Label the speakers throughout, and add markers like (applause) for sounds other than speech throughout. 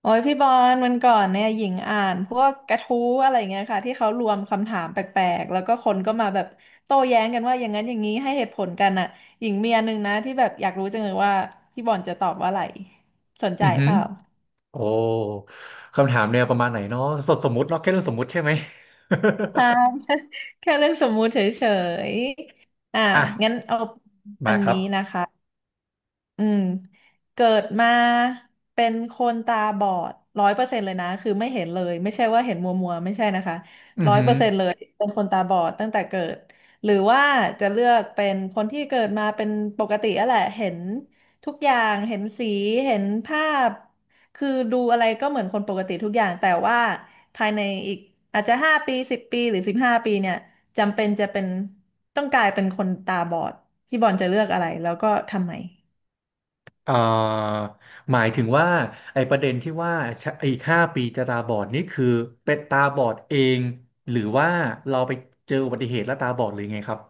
Speaker 1: โอ้ยพี่บอลวันก่อนเนี่ยหญิงอ่านพวกกระทู้อะไรเงี้ยค่ะที่เขารวมคำถามแปลกๆแล้วก็คนก็มาแบบโต้แย้งกันว่าอย่างนั้นอย่างนี้ให้เหตุผลกันอ่ะหญิงมีอันหนึงนะที่แบบอยากรู้จังเลยว่าพี่บอลจะตอบว่าอะไรสนใจ
Speaker 2: อือหื
Speaker 1: เป
Speaker 2: อ
Speaker 1: ล่า
Speaker 2: โอ้คำถามแนวประมาณไหนเนาะสมมุติเนาะแค่เรื่องสมมุติใช่ไหม
Speaker 1: ใช่ (laughs) แค่เรื่องสมมุติเฉยๆอ่ะ
Speaker 2: (laughs) อ่ะ
Speaker 1: งั้นเอาอั
Speaker 2: มา
Speaker 1: น
Speaker 2: ครั
Speaker 1: นี้
Speaker 2: บ
Speaker 1: นะคะ อืมเกิดมาเป็นคนตาบอดร้อยเปอร์เซ็นต์เลยนะคือไม่เห็นเลยไม่ใช่ว่าเห็นมัวมัวไม่ใช่นะคะ
Speaker 2: อือ
Speaker 1: ร้อย
Speaker 2: หื
Speaker 1: เปอ
Speaker 2: อ
Speaker 1: ร์เซ็นต์เลยเป็นคนตาบอดตั้งแต่เกิดหรือว่าจะเลือกเป็นคนที่เกิดมาเป็นปกติอะแหละเห็นทุกอย่างเห็นสีเห็นภาพคือดูอะไรก็เหมือนคนปกติทุกอย่างแต่ว่าภายในอีกอาจจะห้าปี10 ปีหรือ15 ปีเนี่ยจำเป็นจะเป็นต้องกลายเป็นคนตาบอดพี่บอลจะเลือกอะไรแล้วก็ทำไม
Speaker 2: เอ่อหมายถึงว่าไอ้ประเด็นที่ว่าไอ้ห้าปีจะตาบอดนี่คือเป็นตาบอดเองหรือว่าเราไปเจออุบัติเหตุแล้วตาบอดหรือไงครับ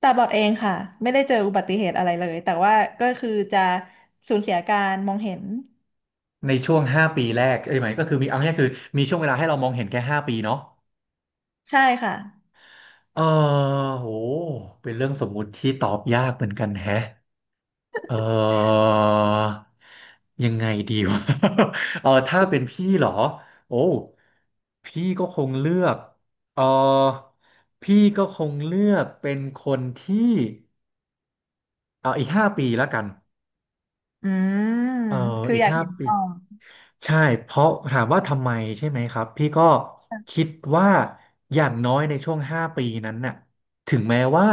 Speaker 1: ตาบอดเองค่ะไม่ได้เจออุบัติเหตุอะไรเลยแต่ว่าก็คือจะสูญเสียการมองเห็น
Speaker 2: ในช่วงห้าปีแรกเอ้ยหมายก็คือมีเอาง่ายๆคือมีช่วงเวลาให้เรามองเห็นแค่ห้าปีเนาะ
Speaker 1: ใช่ค่ะ
Speaker 2: เออโหเป็นเรื่องสมมุติที่ตอบยากเหมือนกันแฮะ เออยังไงดีวะ (laughs) เออถ้าเป็นพี่เหรอโอ้พี่ก็คงเลือกเออพี่ก็คงเลือกเป็นคนที่เอออีกห้าปีแล้วกัน
Speaker 1: อืม
Speaker 2: เออ
Speaker 1: คือ
Speaker 2: อีก
Speaker 1: อยาก
Speaker 2: ห้า
Speaker 1: เห็น
Speaker 2: ปี
Speaker 1: ก่อน
Speaker 2: ใช่เพราะถามว่าทำไมใช่ไหมครับพี่ก็คิดว่าอย่างน้อยในช่วงห้าปีนั้นน่ะถึงแม้ว่า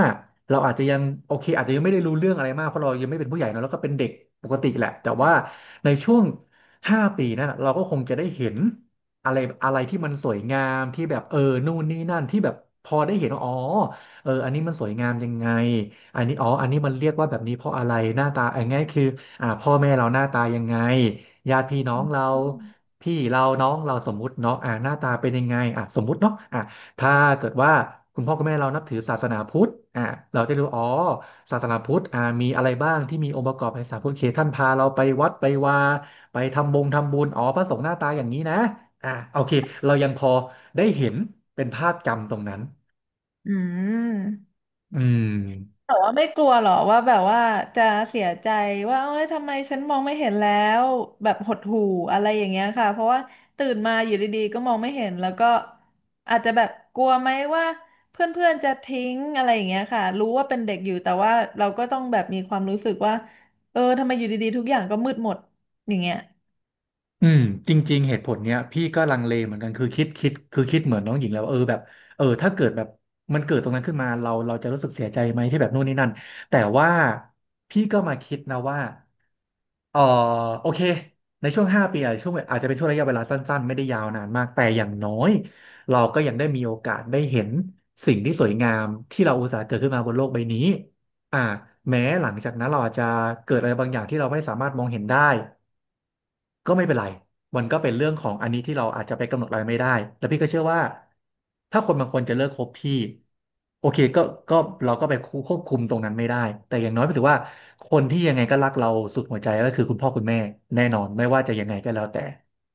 Speaker 2: เราอาจจะยังโอเคอาจจะยังไม่ได้รู้เรื่องอะไรมากเพราะเรายังไม่เป็นผู้ใหญ่เนอะแล้วก็เป็นเด็กปกติแหละแต่ว่าในช่วงห้าปีนั้นน่ะเราก็คงจะได้เห็นอะไรอะไรที่มันสวยงามที่แบบเออนู่นนี่นั่นที่แบบพอได้เห็นว่าอ๋อเอออันนี้มันสวยงามยังไงอันนี้อ๋ออันนี้มันเรียกว่าแบบนี้เพราะอะไรหน้าตาอันนี้คืออ่าพ่อแม่เราหน้าตายังไง ญาติพี่น้องเราพี่เราน้องเราสมมุติเนาะอ่ะหน้าตาเป็นยังไงอ่ะสมมุติเนาะอ่ะถ้าเกิดว่าคุณพ่อคุณแม่เรานับถือศาสนาพุทธอ่ะเราจะรู้อ๋อศาสนาพุทธอ่ะมีอะไรบ้างที่มีองค์ประกอบในศาสนาพุทธโอเคท่านพาเราไปวัดไปวาไปทำบงทำบุญอ๋อพระสงฆ์หน้าตาอย่างนี้นะอ่ะโอเคเรายังพอได้เห็นเป็นภาพจำตรงนั้น
Speaker 1: อืม
Speaker 2: อืม
Speaker 1: แต่ว่าไม่กลัวหรอว่าแบบว่าจะเสียใจว่าเอ้ยทำไมฉันมองไม่เห็นแล้วแบบหดหู่อะไรอย่างเงี้ยค่ะเพราะว่าตื่นมาอยู่ดีๆก็มองไม่เห็นแล้วก็อาจจะแบบกลัวไหมว่าเพื่อนๆจะทิ้งอะไรอย่างเงี้ยค่ะรู้ว่าเป็นเด็กอยู่แต่ว่าเราก็ต้องแบบมีความรู้สึกว่าเออทำไมอยู่ดีๆทุกอย่างก็มืดหมดอย่างเงี้ย
Speaker 2: อืมจริงๆเหตุผลเนี้ยพี่ก็ลังเลเหมือนกันคือคิดเหมือนน้องหญิงแล้วาเออแบบเออถ้าเกิดแบบมันเกิดตรงนั้นขึ้นมาเราจะรู้สึกเสียใจไหมที่แบบนู่นนี่นั่นแต่ว่าพี่ก็มาคิดนะว่าเออโอเคในช่วงห้าปีอาจจะเป็นช่วงระยะเวลาสั้นๆไม่ได้ยาวนานมากแต่อย่างน้อยเราก็ยังได้มีโอกาสได้เห็นสิ่งที่สวยงามที่เราอุตส่าห์เกิดขึ้นมาบนโลกใบนี้อ่าแม้หลังจากนั้นเราอาจจะเกิดอะไรบางอย่างที่เราไม่สามารถมองเห็นได้ ก็ไม่เป็นไรมันก็เป็นเรื่องของอันนี้ที่เราอาจจะไปกำหนดอะไรไม่ได้ แล้วพี่ก็เชื่อว่าถ้าคนบางคนจะเลิกคบพี่โอเคก็ก็เราก็ไปควบคุมตรงนั้นไม่ได้ แต่อย่างน้อยก็ถือว่าคนที่ยังไงก็รักเราสุดหัวใจก็คือคุณพ่อคุณแม่แน่นอนไม่ว่าจะยังไงก็แล้วแต่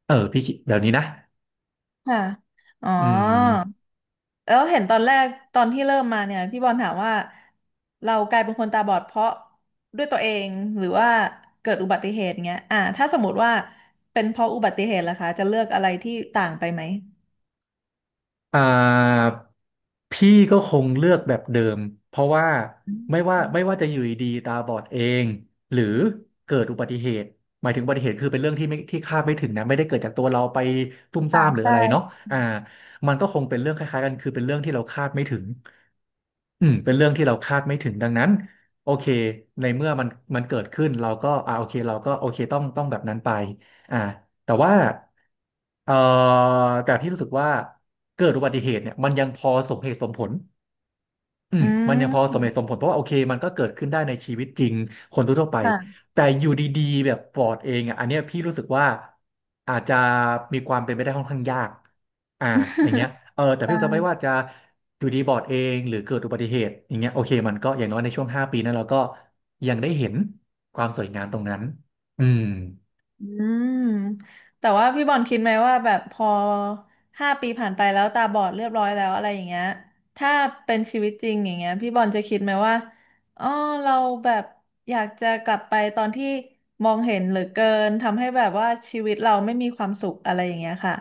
Speaker 2: เออพี่คิดแบบนี้นะ
Speaker 1: ค่ะอ๋อ
Speaker 2: อืม
Speaker 1: แล้วเห็นตอนแรกตอนที่เริ่มมาเนี่ยพี่บอลถามว่าเรากลายเป็นคนตาบอดเพราะด้วยตัวเองหรือว่าเกิดอุบัติเหตุเงี้ยถ้าสมมติว่าเป็นเพราะอุบัติเหตุล่ะคะจะเลือกอะไรที่ต่างไปไหม
Speaker 2: อ่าพี่ก็คงเลือกแบบเดิมเพราะว่า
Speaker 1: อื
Speaker 2: ไม่ว่า
Speaker 1: ม
Speaker 2: ไม่ว่าจะอยู่ดีๆตาบอดเองหรือเกิดอุบัติเหตุหมายถึงอุบัติเหตุคือเป็นเรื่องที่ไม่ที่คาดไม่ถึงนะไม่ได้เกิดจากตัวเราไปตุ่มซ่า
Speaker 1: ค่ะ
Speaker 2: มหรืออะไรเนาะ
Speaker 1: ใช่
Speaker 2: อ่ามันก็คงเป็นเรื่องคล้ายๆกันคือเป็นเรื่องที่เราคาดไม่ถึงอืมเป็นเรื่องที่เราคาดไม่ถึงดังนั้นโอเคในเมื่อมันเกิดขึ้นเราก็อ่าโอเคเราก็โอเคต้องแบบนั้นไปอ่าแต่ว่า เอ่อแต่พี่รู้สึกว่าเกิดอุบัติเหตุเนี่ยมันยังพอสมเหตุสมผลอืม
Speaker 1: อื
Speaker 2: มันยังพอสมเหตุส
Speaker 1: ม
Speaker 2: มผลเพราะว่าโอเคมันก็เกิดขึ้นได้ในชีวิตจริงคนทั่วๆไป
Speaker 1: ค่ะ
Speaker 2: แต่อยู่ดีๆแบบปลอดเองอ่ะอันเนี้ยพี่รู้สึกว่าอาจจะมีความเป็นไปได้ค่อนข้างยากอ่าอย่างเงี้ย
Speaker 1: (laughs)
Speaker 2: เออแต่พี่รู้สึกไม่
Speaker 1: ใช่
Speaker 2: ว่าจะอยู่ดีบอดเองหรือเกิดอุบัติเหตุอย่างเงี้ยโอเคมันก็อย่างน้อยในช่วงห้าปีนั้นเราก็ยังได้เห็นความสวยงามตรงนั้นอืม
Speaker 1: อืมแต่ว่าพี่บอลคิดไหมว่าแบบพอห้าปีผ่านไปแล้วตาบอดเรียบร้อยแล้วอะไรอย่างเงี้ยถ้าเป็นชีวิตจริงอย่างเงี้ยพี่บอลจะคิดไหมว่าอ๋อเราแบบอยากจะกลับไปตอนที่มองเห็นเหลือเกินทำให้แบบว่าชีวิตเราไม่มีความสุขอะไรอย่างเงี้ยค่ะ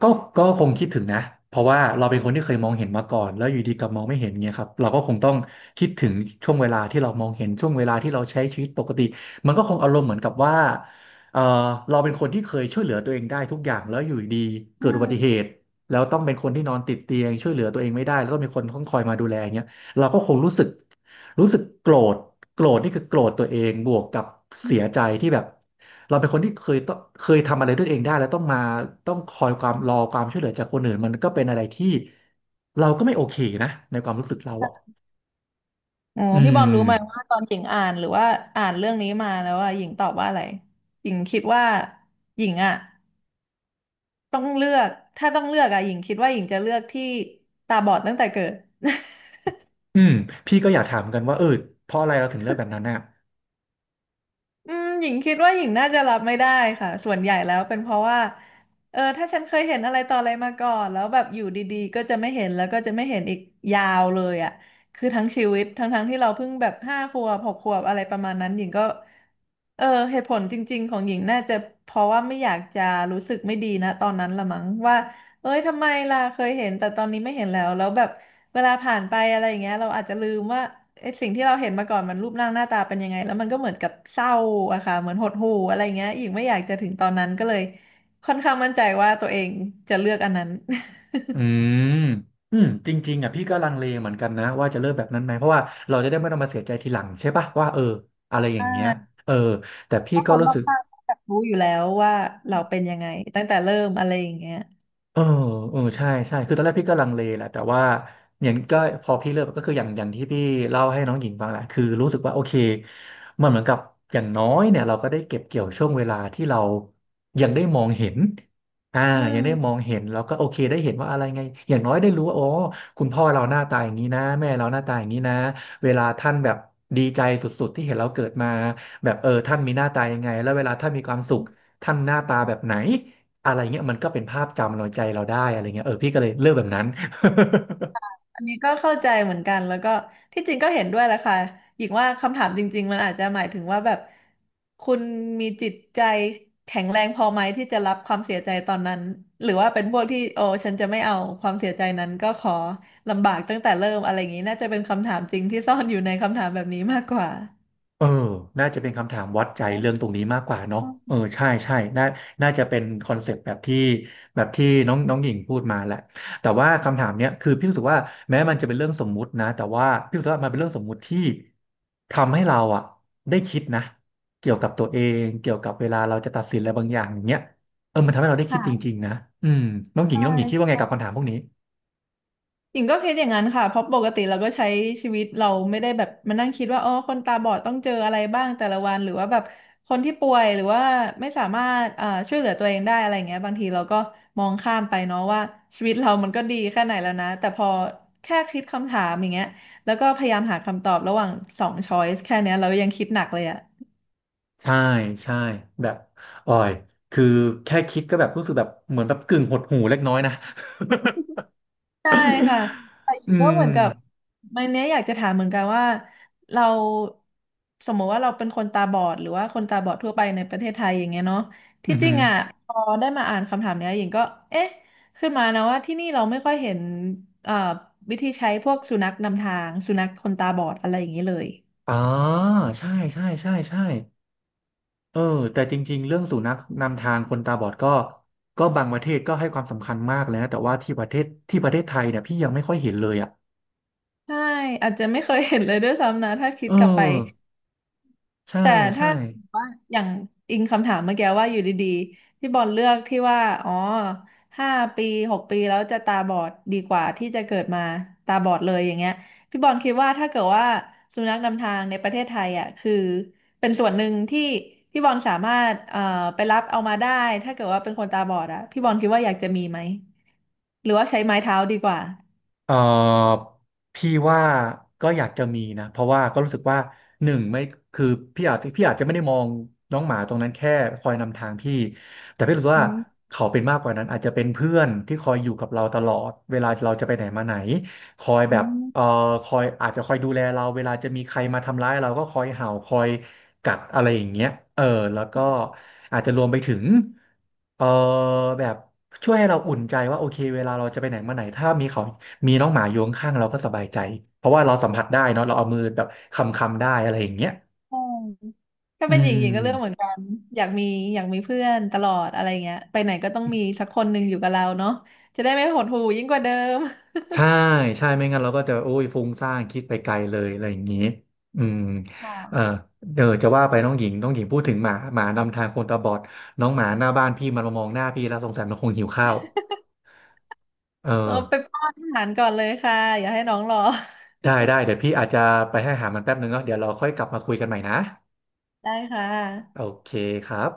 Speaker 2: ก็ก็คงคิดถึงนะเพราะว่าเราเป็นคนที่เคยมองเห็นมาก่อนแล้วอยู่ดีกลับมองไม่เห็นเงี้ยครับเราก็คงต้องคิดถึงช่วงเวลาที่เรามองเห็นช่วงเวลาที่เราใช้ชีวิตปกติมันก็คงอารมณ์เหมือนกับว่าเออเราเป็นคนที่เคยช่วยเหลือตัวเองได้ทุกอย่างแล้วอยู่ดีเกิดอุบัติเหตุแล้วต้องเป็นคนที่นอนติดเตียงช่วยเหลือตัวเองไม่ได้แล้วก็มีคนต้องคอยมาดูแลเงี้ยเราก็คงรู้สึกโกรธโกรธนี่คือโกรธตัวเองบวกกับเสียใจที่แบบ เราเป็นคนที่เคยทำอะไรด้วยเองได้แล้วต้องคอยความรอความช่วยเหลือจากคนอื่นมันก็เป็นอะไรที่เราก็ไม่โอเคนะในความรู้สึกเราอ่ะ
Speaker 1: อ๋อ
Speaker 2: อื
Speaker 1: พี่บอลรู้
Speaker 2: ม
Speaker 1: ไหมว่าตอนหญิงอ่านหรือว่าอ่านเรื่องนี้มาแล้วอ่ะหญิงตอบว่าอะไรหญิงคิดว่าหญิงอ่ะ ต้องเลือกถ้าต้องเลือกอะหญิงคิดว่าหญิงจะเลือกที่ตาบอดตั้งแต่เกิด
Speaker 2: อืมพี่ก็อยากถามกันว่าเพราะอะไรเราถึงเลือกแบบนั้นน่ะ
Speaker 1: (laughs) อืมหญิงคิดว่าหญิงน่าจะรับไม่ได้ค่ะส่วนใหญ่แล้วเป็นเพราะว่าเออถ้าฉันเคยเห็นอะไรต่ออะไรมาก่อนแล้วแบบอยู่ดีๆก็จะไม่เห็นแล้วก็จะไม่เห็นอีกยาวเลยอ่ะคือทั้งชีวิตทั้งๆที่เราเพิ่งแบบ5 ขวบ6 ขวบอะไรประมาณนั้นหญิงก็เออเหตุผลจริงๆของหญิงน่าจะเพราะว่าไม่อยากจะรู้สึกไม่ดีนะตอนนั้นละมั้งว่า เอ้ยทำไมล่ะเคยเห็นแต่ตอนนี้ไม่เห็นแล้วแล้วแบบเวลาผ่านไปอะไรอย่างเงี้ยเราอาจจะลืมว่าไอ้สิ่งที่เราเห็นมาก่อนมันรูปร่างหน้าตาเป็นยังไงแล้วมันก็เหมือนกับเศร้าอะค่ะเหมือนหดหู่อะไรเงี้ยอีกไม่อยากจะถึงตอนนั้นก็เลยค่อนข้างมั่นใจว่าตัวเองจะเลือกอันนั้น (laughs)
Speaker 2: อืมจริงๆอ่ะพี่ก็ลังเลเหมือนกันนะว่าจะเลิกแบบนั้นไหมเพราะว่าเราจะได้ไม่ต้องมาเสียใจทีหลังใช่ปะว่าอะไรอ
Speaker 1: อ่
Speaker 2: ย่างเงี้ย
Speaker 1: า
Speaker 2: เออแต่พี่
Speaker 1: ถ้าค
Speaker 2: ก็
Speaker 1: น
Speaker 2: รู้
Speaker 1: รอบ
Speaker 2: สึก
Speaker 1: ข้างรู้อยู่แล้วว่าเราเป็นยังไงตั้งแต่เริ่มอะไรอย่างเงี้ย
Speaker 2: เอออใช่ใช่คือตอนแรกพี่ก็ลังเลแหละแต่ว่าอย่างก็พอพี่เลิกก็คืออย่างที่พี่เล่าให้น้องหญิงฟังแหละคือรู้สึกว่าโอเคมันเหมือนกับอย่างน้อยเนี่ยเราก็ได้เก็บเกี่ยวช่วงเวลาที่เรายังได้มองเห็นอ่า
Speaker 1: อื
Speaker 2: ยัง
Speaker 1: ม
Speaker 2: ได้มองเห็นเราก็โอเคได้เห็นว่าอะไรไงอย่างน้อยได้รู้ว่าคุณพ่อเราหน้าตาอย่างนี้นะแม่เราหน้าตาอย่างนี้นะเวลาท่านแบบดีใจสุดๆที่เห็นเราเกิดมาแบบท่านมีหน้าตายังไงแล้วเวลาท่านมีความสุขท่านหน้าตาแบบไหน อะไรเงี้ยมันก็เป็นภาพจำเราใจเราได้อะไรเงี้ยพี่ก็เลยเลือกแบบนั้น (laughs)
Speaker 1: อันนี้ก็เข้าใจเหมือนกันแล้วก็ที่จริงก็เห็นด้วยแหละค่ะหญิงว่าคำถามจริงๆมันอาจจะหมายถึงว่าแบบคุณมีจิตใจแข็งแรงพอไหมที่จะรับความเสียใจตอนนั้นหรือว่าเป็นพวกที่โอ้ฉันจะไม่เอาความเสียใจนั้นก็ขอลำบากตั้งแต่เริ่มอะไรอย่างนี้น่าจะเป็นคำถามจริงที่ซ่อนอยู่ในคำถามแบบนี้มากกว่า
Speaker 2: เออน่าจะเป็นคำถามวัดใจเรื่องตรงนี้มากกว่าเนาะเออใช่ใช่น่าจะเป็นคอนเซปต์แบบที่แบบที่น้องน้องหญิงพูดมาแหละแต่ว่าคำถามเนี้ยคือพี่รู้สึกว่าแม้มันจะเป็นเรื่องสมมุตินะแต่ว่าพี่รู้สึกว่ามันเป็นเรื่องสมมุติที่ทำให้เราอะได้คิดนะเกี่ยวกับตัวเองเกี่ยวกับเวลาเราจะตัดสินอะไรบางอย่างอย่างเงี้ยมันทำให้เราได้
Speaker 1: (laughs)
Speaker 2: คิดจริ
Speaker 1: ค่ะ
Speaker 2: งๆนะอืมน้องหญิ
Speaker 1: ใช
Speaker 2: งน้องหญิงคิดว่าไง
Speaker 1: ่
Speaker 2: กับคำถามพวกนี้
Speaker 1: หญิงก็คิดอย่างนั้นค่ะเพราะปกติเราก็ใช้ชีวิตเราไม่ได้แบบมานั่งคิดว่าอ๋อคนตาบอดต้องเจออะไรบ้างแต่ละวันหรือว่าแบบคนที่ป่วยหรือว่าไม่สามารถอ่อช่วยเหลือตัวเองได้อะไรเงี้ยบางทีเราก็มองข้ามไปเนาะว่าชีวิตเรามันก็ดีแค่ไหนแล้วนะแต่พอแค่คิดคำถามอย่างเงี้ยแล้วก็พยายามหาคำตอบระหว่างสองช้อยส์แค่เนี้ยเรายังคิดหนักเลยอะ
Speaker 2: ใช่ใช่แบบอ่อยคือแค่คิดก็แบบรู้สึกแบบเหมือนแบบกึ่งหดหู่เล็กน้อยนะ
Speaker 1: ใช่ค่ะ แต่ห
Speaker 2: (laughs)
Speaker 1: ญิ
Speaker 2: อื
Speaker 1: งก็เห
Speaker 2: ม
Speaker 1: มือนกับวันนี้อยากจะถามเหมือนกันว่าเราสมมติว่าเราเป็นคนตาบอดหรือว่าคนตาบอดทั่วไปในประเทศไทยอย่างเงี้ยเนาะ
Speaker 2: อื
Speaker 1: ที่
Speaker 2: อ
Speaker 1: จริ
Speaker 2: หื
Speaker 1: ง
Speaker 2: อ
Speaker 1: อ่ะพอได้มาอ่านคำถามเนี้ยหญิงก็เอ๊ะขึ้นมานะว่าที่นี่เราไม่ค่อยเห็นเอ่อวิธีใช้พวกสุนัขนำทางสุนัขคนตาบอดอะไรอย่างนี้เลย
Speaker 2: อ๋อใช่ใช่ใช่ใช่เออแต่จริงๆเรื่องสุนัขนำทางคนตาบอดก็บางประเทศก็ให้ความสำคัญมากเลยนะแต่ว่าที่ประเทศไทยเนี่ยพี่ยังไม่ค่อยเห็นเลยอ่ะ
Speaker 1: ใช่อาจจะไม่เคยเห็นเลยด้วยซ้ำนะถ้าคิด
Speaker 2: เอ
Speaker 1: กลับไป
Speaker 2: อใช่
Speaker 1: แต่
Speaker 2: ใช่
Speaker 1: ถ้าว่าอย่างอิงคำถามเมื่อกี้ว่าอยู่ดีๆพี่บอลเลือกที่ว่าอ๋อห้าปี6 ปีแล้วจะตาบอดดีกว่าที่จะเกิดมาตาบอดเลยอย่างเงี้ยพี่บอลคิดว่าถ้าเกิดว่าสุนัขนำทางในประเทศไทยอ่ะคือเป็นส่วนหนึ่งที่พี่บอลสามารถไปรับเอามาได้ถ้าเกิดว่าเป็นคนตาบอดอ่ะพี่บอลคิดว่าอยากจะมีไหมหรือว่าใช้ไม้เท้าดีกว่า
Speaker 2: เอ่อพี่ว่าก็อยากจะมีนะเพราะว่าก็รู้สึกว่าหนึ่งไม่คือพี่อาจจะไม่ได้มองน้องหมาตรงนั้นแค่คอยนำทางพี่แต่พี่รู้สึกว่า
Speaker 1: อื
Speaker 2: เขาเป็นมากกว่านั้นอาจจะเป็นเพื่อนที่คอยอยู่กับเราตลอดเวลาเราจะไปไหนมาไหนคอยแบบ
Speaker 1: ม
Speaker 2: เอ่อคอยดูแลเราเวลาจะมีใครมาทำร้ายเราก็คอยเห่าคอยกัดอะไรอย่างเงี้ยเออแล้วก็อาจจะรวมไปถึงเออแบบช่วยให้เราอุ่นใจว่าโอเคเวลาเราจะไปไหนมาไหนถ้ามีเขา มีน้องหมาอยู่ข้างๆเราก็สบายใจเพราะว่าเราสัมผัสได้เนาะเราเอามือแบบคำได้อะไรอย่างเงี้ย
Speaker 1: ใช่ถ้า
Speaker 2: อื
Speaker 1: เป็นหญิงหญิงก็เลือกเหมือ
Speaker 2: ม
Speaker 1: นกันอยากมีอยากมีเพื่อนตลอดอะไรเงี้ยไปไหนก็ต้องมีสักคนหนึ่งอยู่กับเราเนาะจะได้ไม่หดหู่ยิ่งกว่าเดิม
Speaker 2: ใช่ใช่ไม่งั้นเราก็จะโอ้ยฟุ้งซ่านคิดไปไกลเลยอะไรอย่างงี้อืม
Speaker 1: ค
Speaker 2: เออ
Speaker 1: ่ะ
Speaker 2: เดี๋ยวจะว่าไปน้องหญิงน้องหญิงพูดถึงหมานำทางคนตาบอดน้องหมาหน้าบ้านพี่มันมามองหน้าพี่แล้วสงสัยมันคงหิวข้าวเออ
Speaker 1: เออไปป้อนอาหารก่อนเลยค่ะ อย่าให้น้องรอ
Speaker 2: ได้ได้เดี๋ยวพี่อาจจะไปให้อาหารมันแป๊บนึงเนาะเดี๋ยวเราค่อยกลับมาคุยกันใหม่นะ
Speaker 1: ได้ค่
Speaker 2: โอ
Speaker 1: ะ
Speaker 2: เคครับ